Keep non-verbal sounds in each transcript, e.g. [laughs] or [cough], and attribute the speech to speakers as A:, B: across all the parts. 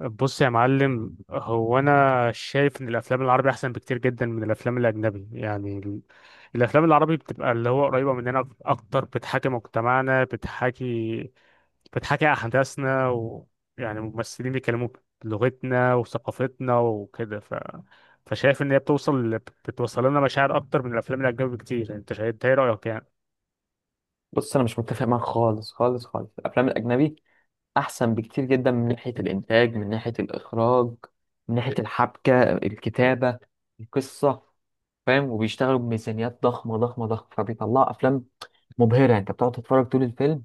A: بص يا معلم، هو انا شايف ان الافلام العربي احسن بكتير جدا من الافلام الاجنبي. يعني الافلام العربي بتبقى اللي هو قريبه مننا اكتر، بتحاكي مجتمعنا، بتحاكي احداثنا، يعني الممثلين بيتكلموا بلغتنا وثقافتنا وكده، فشايف ان هي بتوصل لنا مشاعر اكتر من الافلام الاجنبي بكتير. انت شايف إنت ايه رايك؟ يعني.
B: بص، انا مش متفق معاك خالص خالص خالص. الافلام الاجنبي احسن بكتير جدا، من ناحيه الانتاج، من ناحيه الاخراج، من ناحيه الحبكه، الكتابه، القصه. فاهم؟ وبيشتغلوا بميزانيات ضخمه ضخمه ضخمه، فبيطلعوا افلام مبهره. انت بتقعد تتفرج طول الفيلم،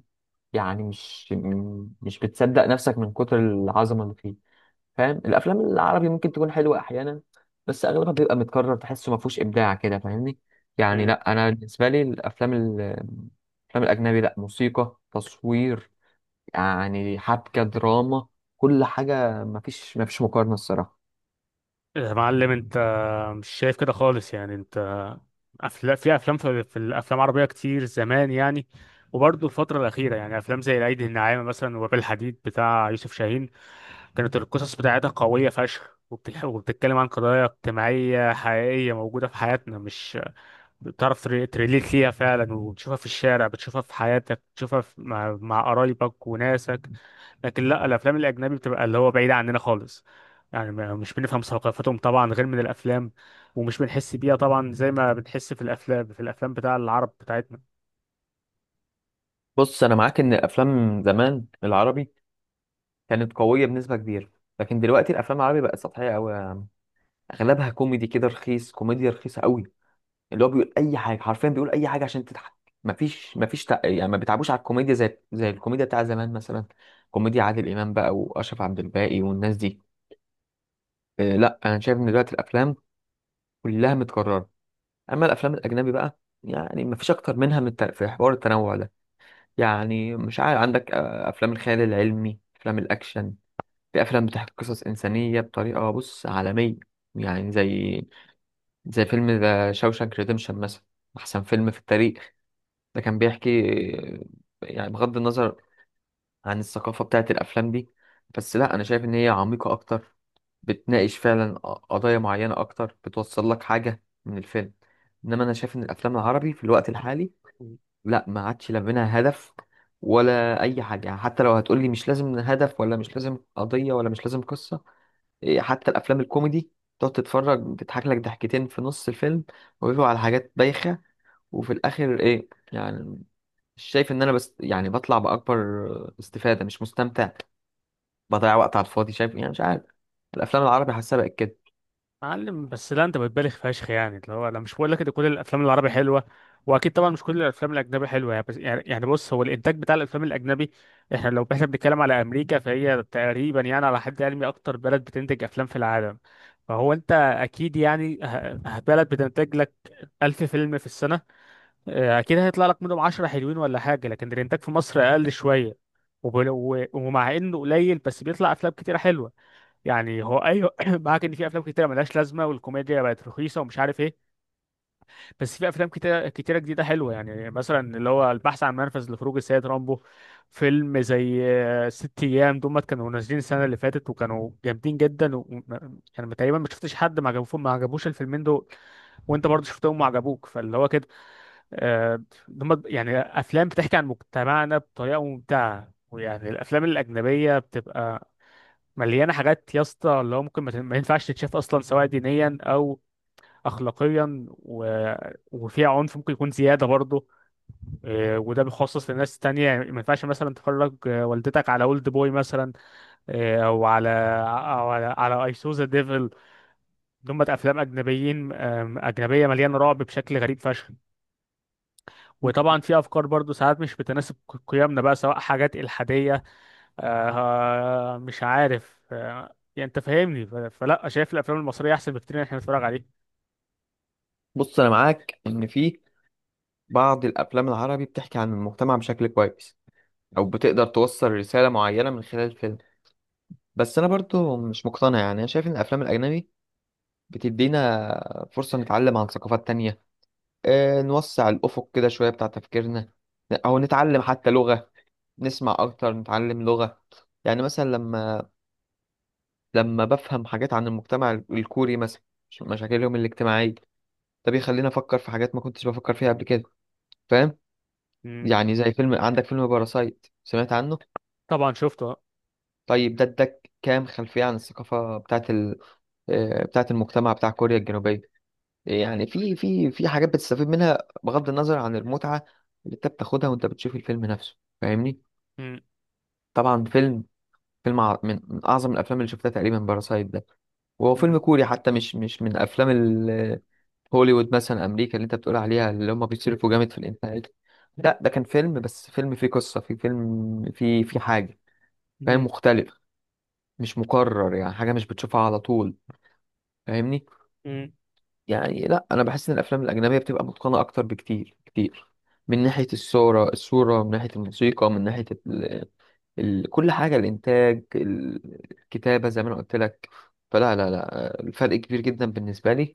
B: يعني مش بتصدق نفسك من كتر العظمه اللي فيه. فاهم؟ الافلام العربي ممكن تكون حلوه احيانا، بس اغلبها بيبقى متكرر، تحسه ما فيهوش ابداع كده. فاهمني؟ يعني
A: مم.
B: لا، انا بالنسبه لي الافلام الافلام الاجنبي، لا موسيقى تصوير، يعني حبكه، دراما، كل حاجه. ما فيش مقارنه الصراحه.
A: يا معلم، انت مش شايف كده خالص يعني. انت أفلا في افلام في الافلام العربيه كتير زمان يعني. وبرضه الفتره الاخيره يعني افلام زي العيد الناعمه مثلا، وباب الحديد بتاع يوسف شاهين. كانت القصص بتاعتها قويه فشخ، وبتتكلم عن قضايا اجتماعيه حقيقيه موجوده في حياتنا، مش بتعرف تريليت ليها فعلا، وتشوفها في الشارع، بتشوفها في حياتك، بتشوفها في مع قرايبك وناسك. لكن لا، الافلام الاجنبي بتبقى اللي هو بعيده عننا خالص، يعني مش بنفهم ثقافتهم طبعا غير من الافلام، ومش بنحس بيها طبعا زي ما بنحس في الافلام بتاع العرب بتاعتنا.
B: بص، انا معاك ان الافلام زمان العربي كانت قويه بنسبه كبيره، لكن دلوقتي الافلام العربي بقت سطحيه قوي. اغلبها كوميدي كده رخيص، كوميديا رخيصه قوي، اللي هو بيقول اي حاجه، حرفيا بيقول اي حاجه عشان تضحك. يعني ما بيتعبوش على الكوميديا زي الكوميديا بتاع زمان مثلا، كوميديا عادل امام بقى، واشرف عبد الباقي، والناس دي. آه لا، انا شايف ان دلوقتي الافلام كلها متكرره. اما الافلام الاجنبي بقى، يعني مفيش اكتر منها في حوار التنوع ده، يعني مش عارف، عندك افلام الخيال العلمي، افلام الاكشن، في افلام بتحكي قصص انسانيه بطريقه بص عالميه. يعني زي فيلم ذا شاوشانك ريديمشن مثلا، احسن فيلم في التاريخ. ده كان بيحكي، يعني بغض النظر عن الثقافة بتاعت الأفلام دي، بس لا، أنا شايف إن هي عميقة أكتر، بتناقش فعلا قضايا معينة أكتر، بتوصل لك حاجة من الفيلم. إنما أنا شايف إن الأفلام العربي في الوقت الحالي لا، ما عادش لا منها هدف ولا أي حاجة. يعني حتى لو هتقولي مش لازم هدف، ولا مش لازم قضية، ولا مش لازم قصة، إيه، حتى الأفلام الكوميدي تقعد تتفرج تضحك لك ضحكتين في نص الفيلم وبيبقوا على حاجات بايخة، وفي الآخر إيه يعني؟ شايف ان انا بس يعني بطلع باكبر استفاده، مش مستمتع، بضيع وقت على الفاضي. شايف؟ يعني مش عارف، الافلام العربي حاسها بقت كده.
A: معلم، بس لا، انت بتبالغ فشخ يعني، اللي هو انا مش بقول لك ان كل الافلام العربي حلوه، واكيد طبعا مش كل الافلام الاجنبي حلوه، يعني بس يعني بص، هو الانتاج بتاع الافلام الاجنبي. لو احنا بنتكلم على امريكا، فهي تقريبا يعني على حد علمي اكتر بلد بتنتج افلام في العالم. فهو انت اكيد يعني بلد بتنتج لك 1000 فيلم في السنه. اه، اكيد هيطلع لك منهم 10 حلوين ولا حاجه، لكن الانتاج في مصر اقل شويه. ومع انه قليل، بس بيطلع افلام كتيره حلوه. يعني هو ايوه، [clears throat] معاك ان في افلام كتيره ملهاش لازمه، والكوميديا بقت رخيصه ومش عارف ايه. بس في افلام كتيره كتيره جديده حلوه، يعني مثلا اللي هو "البحث عن منفذ لخروج السيد رامبو"، فيلم زي "ست ايام". دول كانوا نازلين السنه اللي فاتت وكانوا جامدين جدا، يعني تقريبا ما شفتش حد ما عجبوش الفيلمين دول. وانت برضه شفتهم وعجبوك، فاللي هو كده. آه، دول يعني افلام بتحكي عن مجتمعنا بطريقه ممتعه. ويعني الافلام الاجنبيه بتبقى مليانه حاجات يا اسطى، اللي هو ممكن ما ينفعش تتشاف اصلا، سواء دينيا او اخلاقيا، وفيها عنف ممكن يكون زياده برضه. إيه، وده بيخصص لناس تانية، يعني ما ينفعش مثلا تفرج والدتك على "اولد بوي" مثلا، إيه، او على "اي سو ذا ديفل". دول افلام اجنبيين آم، اجنبيه مليانه رعب بشكل غريب فشخ. وطبعا في افكار برضه ساعات مش بتناسب قيمنا بقى، سواء حاجات الحاديه. مش عارف، يعني انت فاهمني، فلا، شايف الافلام المصريه احسن بكتير ان احنا نتفرج عليه.
B: بص، انا معاك ان في بعض الافلام العربي بتحكي عن المجتمع بشكل كويس، او بتقدر توصل رساله معينه من خلال الفيلم، بس انا برضو مش مقتنع. يعني انا شايف ان الافلام الاجنبي بتدينا فرصه نتعلم عن ثقافات تانية، نوسع الافق كده شويه بتاع تفكيرنا، او نتعلم حتى لغه، نسمع اكتر، نتعلم لغه. يعني مثلا لما بفهم حاجات عن المجتمع الكوري مثلا، مشاكلهم الاجتماعية، ده بيخليني أفكر في حاجات ما كنتش بفكر فيها قبل كده. فاهم؟
A: مم.
B: يعني زي فيلم، عندك فيلم باراسايت، سمعت عنه؟
A: طبعا شفته آه.
B: طيب، ده اداك كام خلفية عن الثقافة بتاعت ال... آه، بتاعت المجتمع بتاع كوريا الجنوبية. يعني في حاجات بتستفيد منها، بغض النظر عن المتعة اللي انت بتاخدها وانت بتشوف الفيلم نفسه. فاهمني؟
A: مم.
B: طبعا من أعظم الأفلام اللي شفتها تقريبا باراسايت ده، وهو
A: مم.
B: فيلم كوري حتى، مش من أفلام هوليوود مثلا، امريكا اللي انت بتقول عليها اللي هم بيصرفوا جامد في الانتاج. لا، ده كان فيلم، بس فيلم فيه قصه، فيه فيلم فيه فيه حاجه. فاهم؟
A: مم.
B: مختلف، مش مكرر، يعني حاجه مش بتشوفها على طول. فاهمني؟
A: مم.
B: يعني لا، انا بحس ان الافلام الاجنبيه بتبقى متقنه اكتر بكتير كتير، من ناحيه الصوره، من ناحيه الموسيقى، من ناحيه كل حاجة، الإنتاج، الكتابة، زي ما أنا قلت لك. فلا لا لا، الفرق كبير جدا بالنسبة لي.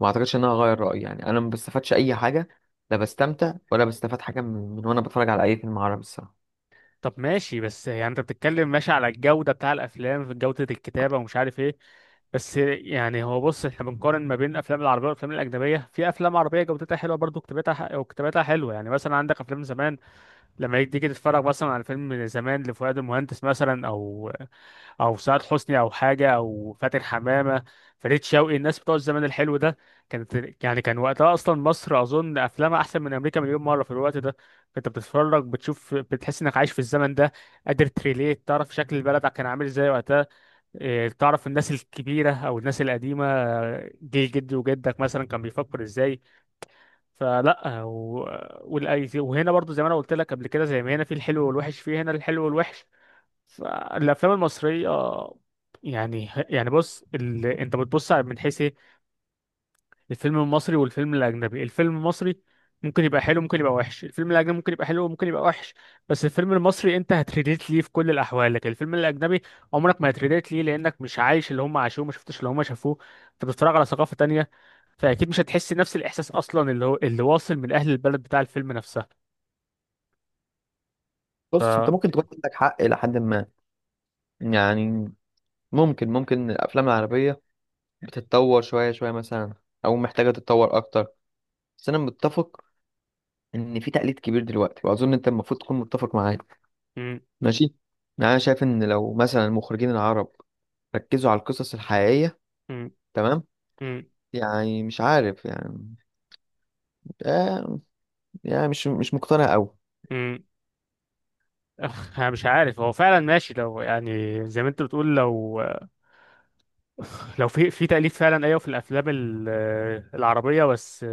B: ما أعتقدش إن أنا هغير رأيي. يعني أنا ما بستفادش أي حاجة، لا بستمتع ولا بستفاد حاجة من وأنا بتفرج على أي فيلم عربي الصراحة.
A: طب ماشي، بس يعني انت بتتكلم ماشي على الجوده بتاع الافلام، في جوده الكتابه ومش عارف ايه. بس يعني هو بص، احنا بنقارن ما بين الافلام العربيه والافلام الاجنبيه. في افلام عربيه جودتها حلوه برضو، وكتابتها حلوه، يعني مثلا عندك افلام زمان. لما تيجي تتفرج مثلا على فيلم زمان لفؤاد المهندس مثلا، او سعاد حسني، او حاجه، او فاتن حمامه، فريد شوقي، الناس بتوع الزمن الحلو ده. كان وقتها اصلا مصر، اظن افلامها احسن من امريكا مليون مره في الوقت ده. انت بتتفرج، بتشوف، بتحس انك عايش في الزمن ده. قادر تريليت، تعرف شكل البلد كان عامل ازاي وقتها. إيه، تعرف الناس الكبيره او الناس القديمه، جيل جدي وجدك مثلا كان بيفكر ازاي. فلا، وهنا برضو زي ما انا قلت لك قبل كده، زي ما هنا في الحلو والوحش، في هنا الحلو والوحش. فالافلام المصريه يعني بص، انت من حيث ايه. الفيلم المصري والفيلم الاجنبي. الفيلم المصري ممكن يبقى حلو، ممكن يبقى وحش. الفيلم الاجنبي ممكن يبقى حلو، ممكن يبقى وحش. بس الفيلم المصري انت هتريليت ليه في كل الاحوال، لكن الفيلم الاجنبي عمرك ما هتريليت ليه، لانك مش عايش اللي هم عاشوه، ما شفتش اللي هم شافوه. انت بتتفرج على ثقافه تانية، فاكيد مش هتحس نفس الاحساس اصلا، اللي هو اللي واصل من اهل البلد بتاع الفيلم نفسها. ف
B: بص، أنت
A: م-
B: ممكن تكون عندك حق إلى حد ما، يعني ممكن الأفلام العربية بتتطور شوية شوية مثلا، أو محتاجة تتطور أكتر، بس أنا متفق إن في تقليد كبير دلوقتي، وأظن أنت المفروض تكون متفق معايا. ماشي؟ يعني انا شايف ان لو مثلا المخرجين العرب ركزوا على القصص الحقيقية،
A: م-
B: تمام،
A: م-
B: يعني مش عارف يعني. آه، يعني مش مقتنع قوي.
A: م. أخ، انا مش عارف هو فعلا ماشي، لو يعني زي ما انت بتقول، لو في تأليف فعلا، ايوه، في الافلام العربيه، بس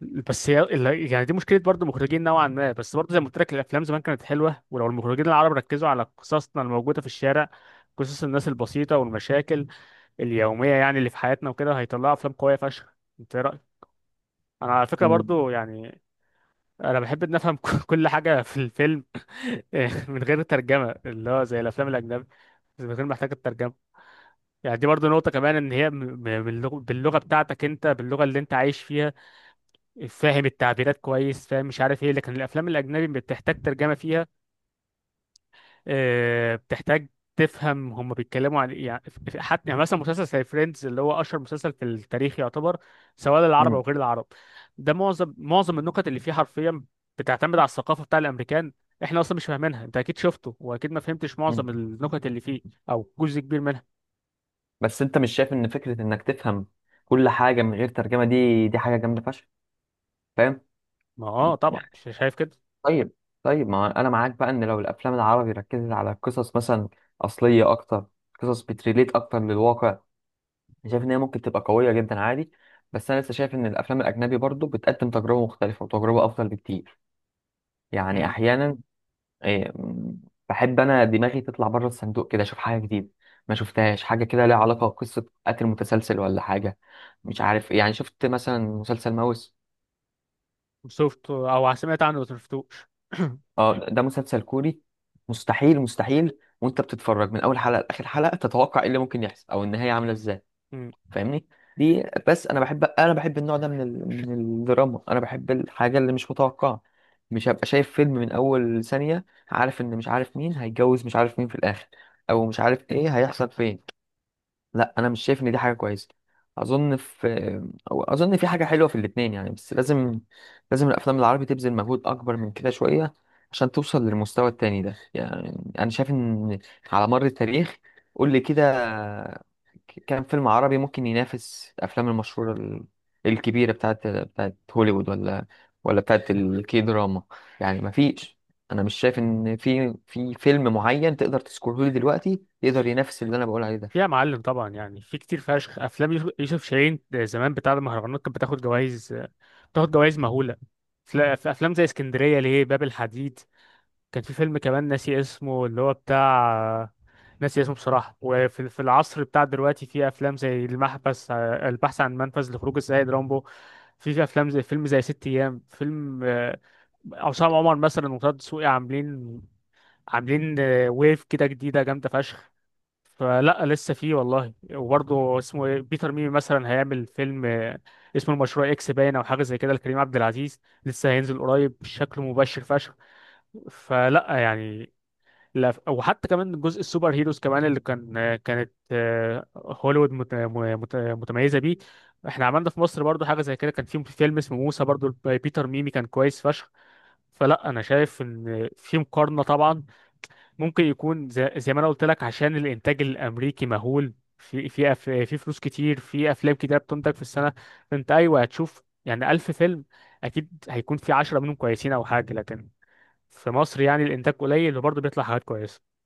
A: بس هي يعني دي مشكله برضو المخرجين نوعا ما، بس برضو زي ما قلت لك الافلام زمان كانت حلوه، ولو المخرجين العرب ركزوا على قصصنا الموجوده في الشارع، قصص الناس البسيطه والمشاكل اليوميه، يعني اللي في حياتنا وكده، هيطلعوا افلام قويه فشخ. انت إيه رايك؟ انا على فكره
B: مم.
A: برضو يعني انا بحب ان افهم [laughs] كل حاجه في الفيلم، [laughs] من غير ترجمه، اللي هو زي الافلام الاجنبيه إذا كان محتاج الترجمة. يعني دي برضو نقطة كمان إن هي باللغة بتاعتك، أنت باللغة اللي أنت عايش فيها، فاهم التعبيرات كويس، فاهم مش عارف إيه، لكن الأفلام الأجنبي بتحتاج ترجمة فيها. بتحتاج تفهم هم بيتكلموا عن إيه. يعني حتى يعني مثلا، مسلسل زي "فريندز" اللي هو أشهر مسلسل في التاريخ يعتبر، سواء للعرب أو
B: مم.
A: غير العرب. ده معظم النكت اللي فيه حرفيا بتعتمد على الثقافة بتاع الأمريكان. إحنا أصلا مش فاهمينها. أنت أكيد شفته، وأكيد ما فهمتش
B: مم.
A: معظم النكت اللي فيه، أو جزء كبير منها.
B: بس انت مش شايف ان فكرة انك تفهم كل حاجة من غير ترجمة، دي حاجة جامدة فشخ؟ فاهم؟
A: ما اه طبعا،
B: يعني
A: شايف كده.
B: طيب، طيب، ما انا معاك بقى ان لو الافلام العربي ركزت على قصص مثلا اصلية اكتر، قصص بتريليت اكتر للواقع، أنا شايف ان هي ممكن تبقى قويه جدا عادي. بس انا لسه شايف ان الافلام الاجنبي برضو بتقدم تجربه مختلفه وتجربه افضل بكتير، يعني
A: امم.
B: احيانا، إيه، م، بحب انا دماغي تطلع بره الصندوق كده، اشوف حاجه جديده ما شفتهاش، حاجه كده ليها علاقه بقصه قتل متسلسل ولا حاجه، مش عارف إيه. يعني شفت مثلا مسلسل ماوس؟
A: شفت او سمعت عنه، بس مشفتوش. [clears throat]
B: اه، ده مسلسل كوري. مستحيل مستحيل وانت بتتفرج من اول حلقه لاخر حلقه تتوقع ايه اللي ممكن يحصل او النهايه عامله ازاي.
A: مم.
B: فاهمني؟ دي، بس انا بحب، انا بحب النوع ده من من الدراما. انا بحب الحاجه اللي مش متوقعه، مش هبقى شايف فيلم من اول ثانيه عارف ان، مش عارف مين هيتجوز، مش عارف مين في الاخر، او مش عارف ايه هيحصل فين. لا، انا مش شايف ان دي حاجه كويسه. اظن في، أو اظن في حاجه حلوه في الاتنين يعني، بس لازم، لازم الافلام العربي تبذل مجهود اكبر من كده شويه عشان توصل للمستوى التاني ده. يعني انا شايف ان على مر التاريخ، قول لي كده، كام فيلم عربي ممكن ينافس الافلام المشهوره الكبيره بتاعت هوليوود، ولا، ولا بتاعت الكي دراما؟ يعني ما فيش. انا مش شايف ان في فيلم معين تقدر تذكره لي دلوقتي يقدر ينافس اللي انا بقول عليه
A: في يا
B: ده.
A: معلم، طبعا يعني، في كتير فشخ افلام يوسف شاهين زمان، بتاع المهرجانات كانت بتاخد جوائز، بتاخد جوائز مهوله. في افلام زي "اسكندريه ليه"، "باب الحديد". كان في فيلم كمان ناسي اسمه، اللي هو بتاع ناسي اسمه بصراحه. وفي العصر بتاع دلوقتي، في افلام زي "المحبس"، "البحث عن منفذ لخروج السيد رامبو". في افلام زي فيلم زي "ست ايام"، فيلم عصام عمر مثلا وطه دسوقي، عاملين ويف كده جديده جامده فشخ. فلا لسه فيه والله، وبرضه اسمه إيه؟ بيتر ميمي مثلا هيعمل فيلم، اسمه "المشروع اكس باين" او حاجه زي كده، لكريم عبد العزيز. لسه هينزل قريب شكله مبشر فشخ. فلا يعني، لا. وحتى كمان جزء السوبر هيروز كمان، اللي كانت هوليوود متميزه بيه. احنا عملنا في مصر برضو حاجه زي كده. كان في فيلم اسمه "موسى" برضو، بيتر ميمي، كان كويس فشخ. فلا، انا شايف ان في مقارنه طبعا. ممكن يكون زي ما انا قلت لك، عشان الانتاج الامريكي مهول، في فلوس كتير، في افلام كتير بتنتج في السنه. انت ايوه، هتشوف يعني 1000 فيلم، اكيد هيكون في 10 منهم كويسين او حاجه. لكن في مصر يعني الانتاج قليل، وبرضه بيطلع حاجات كويسه.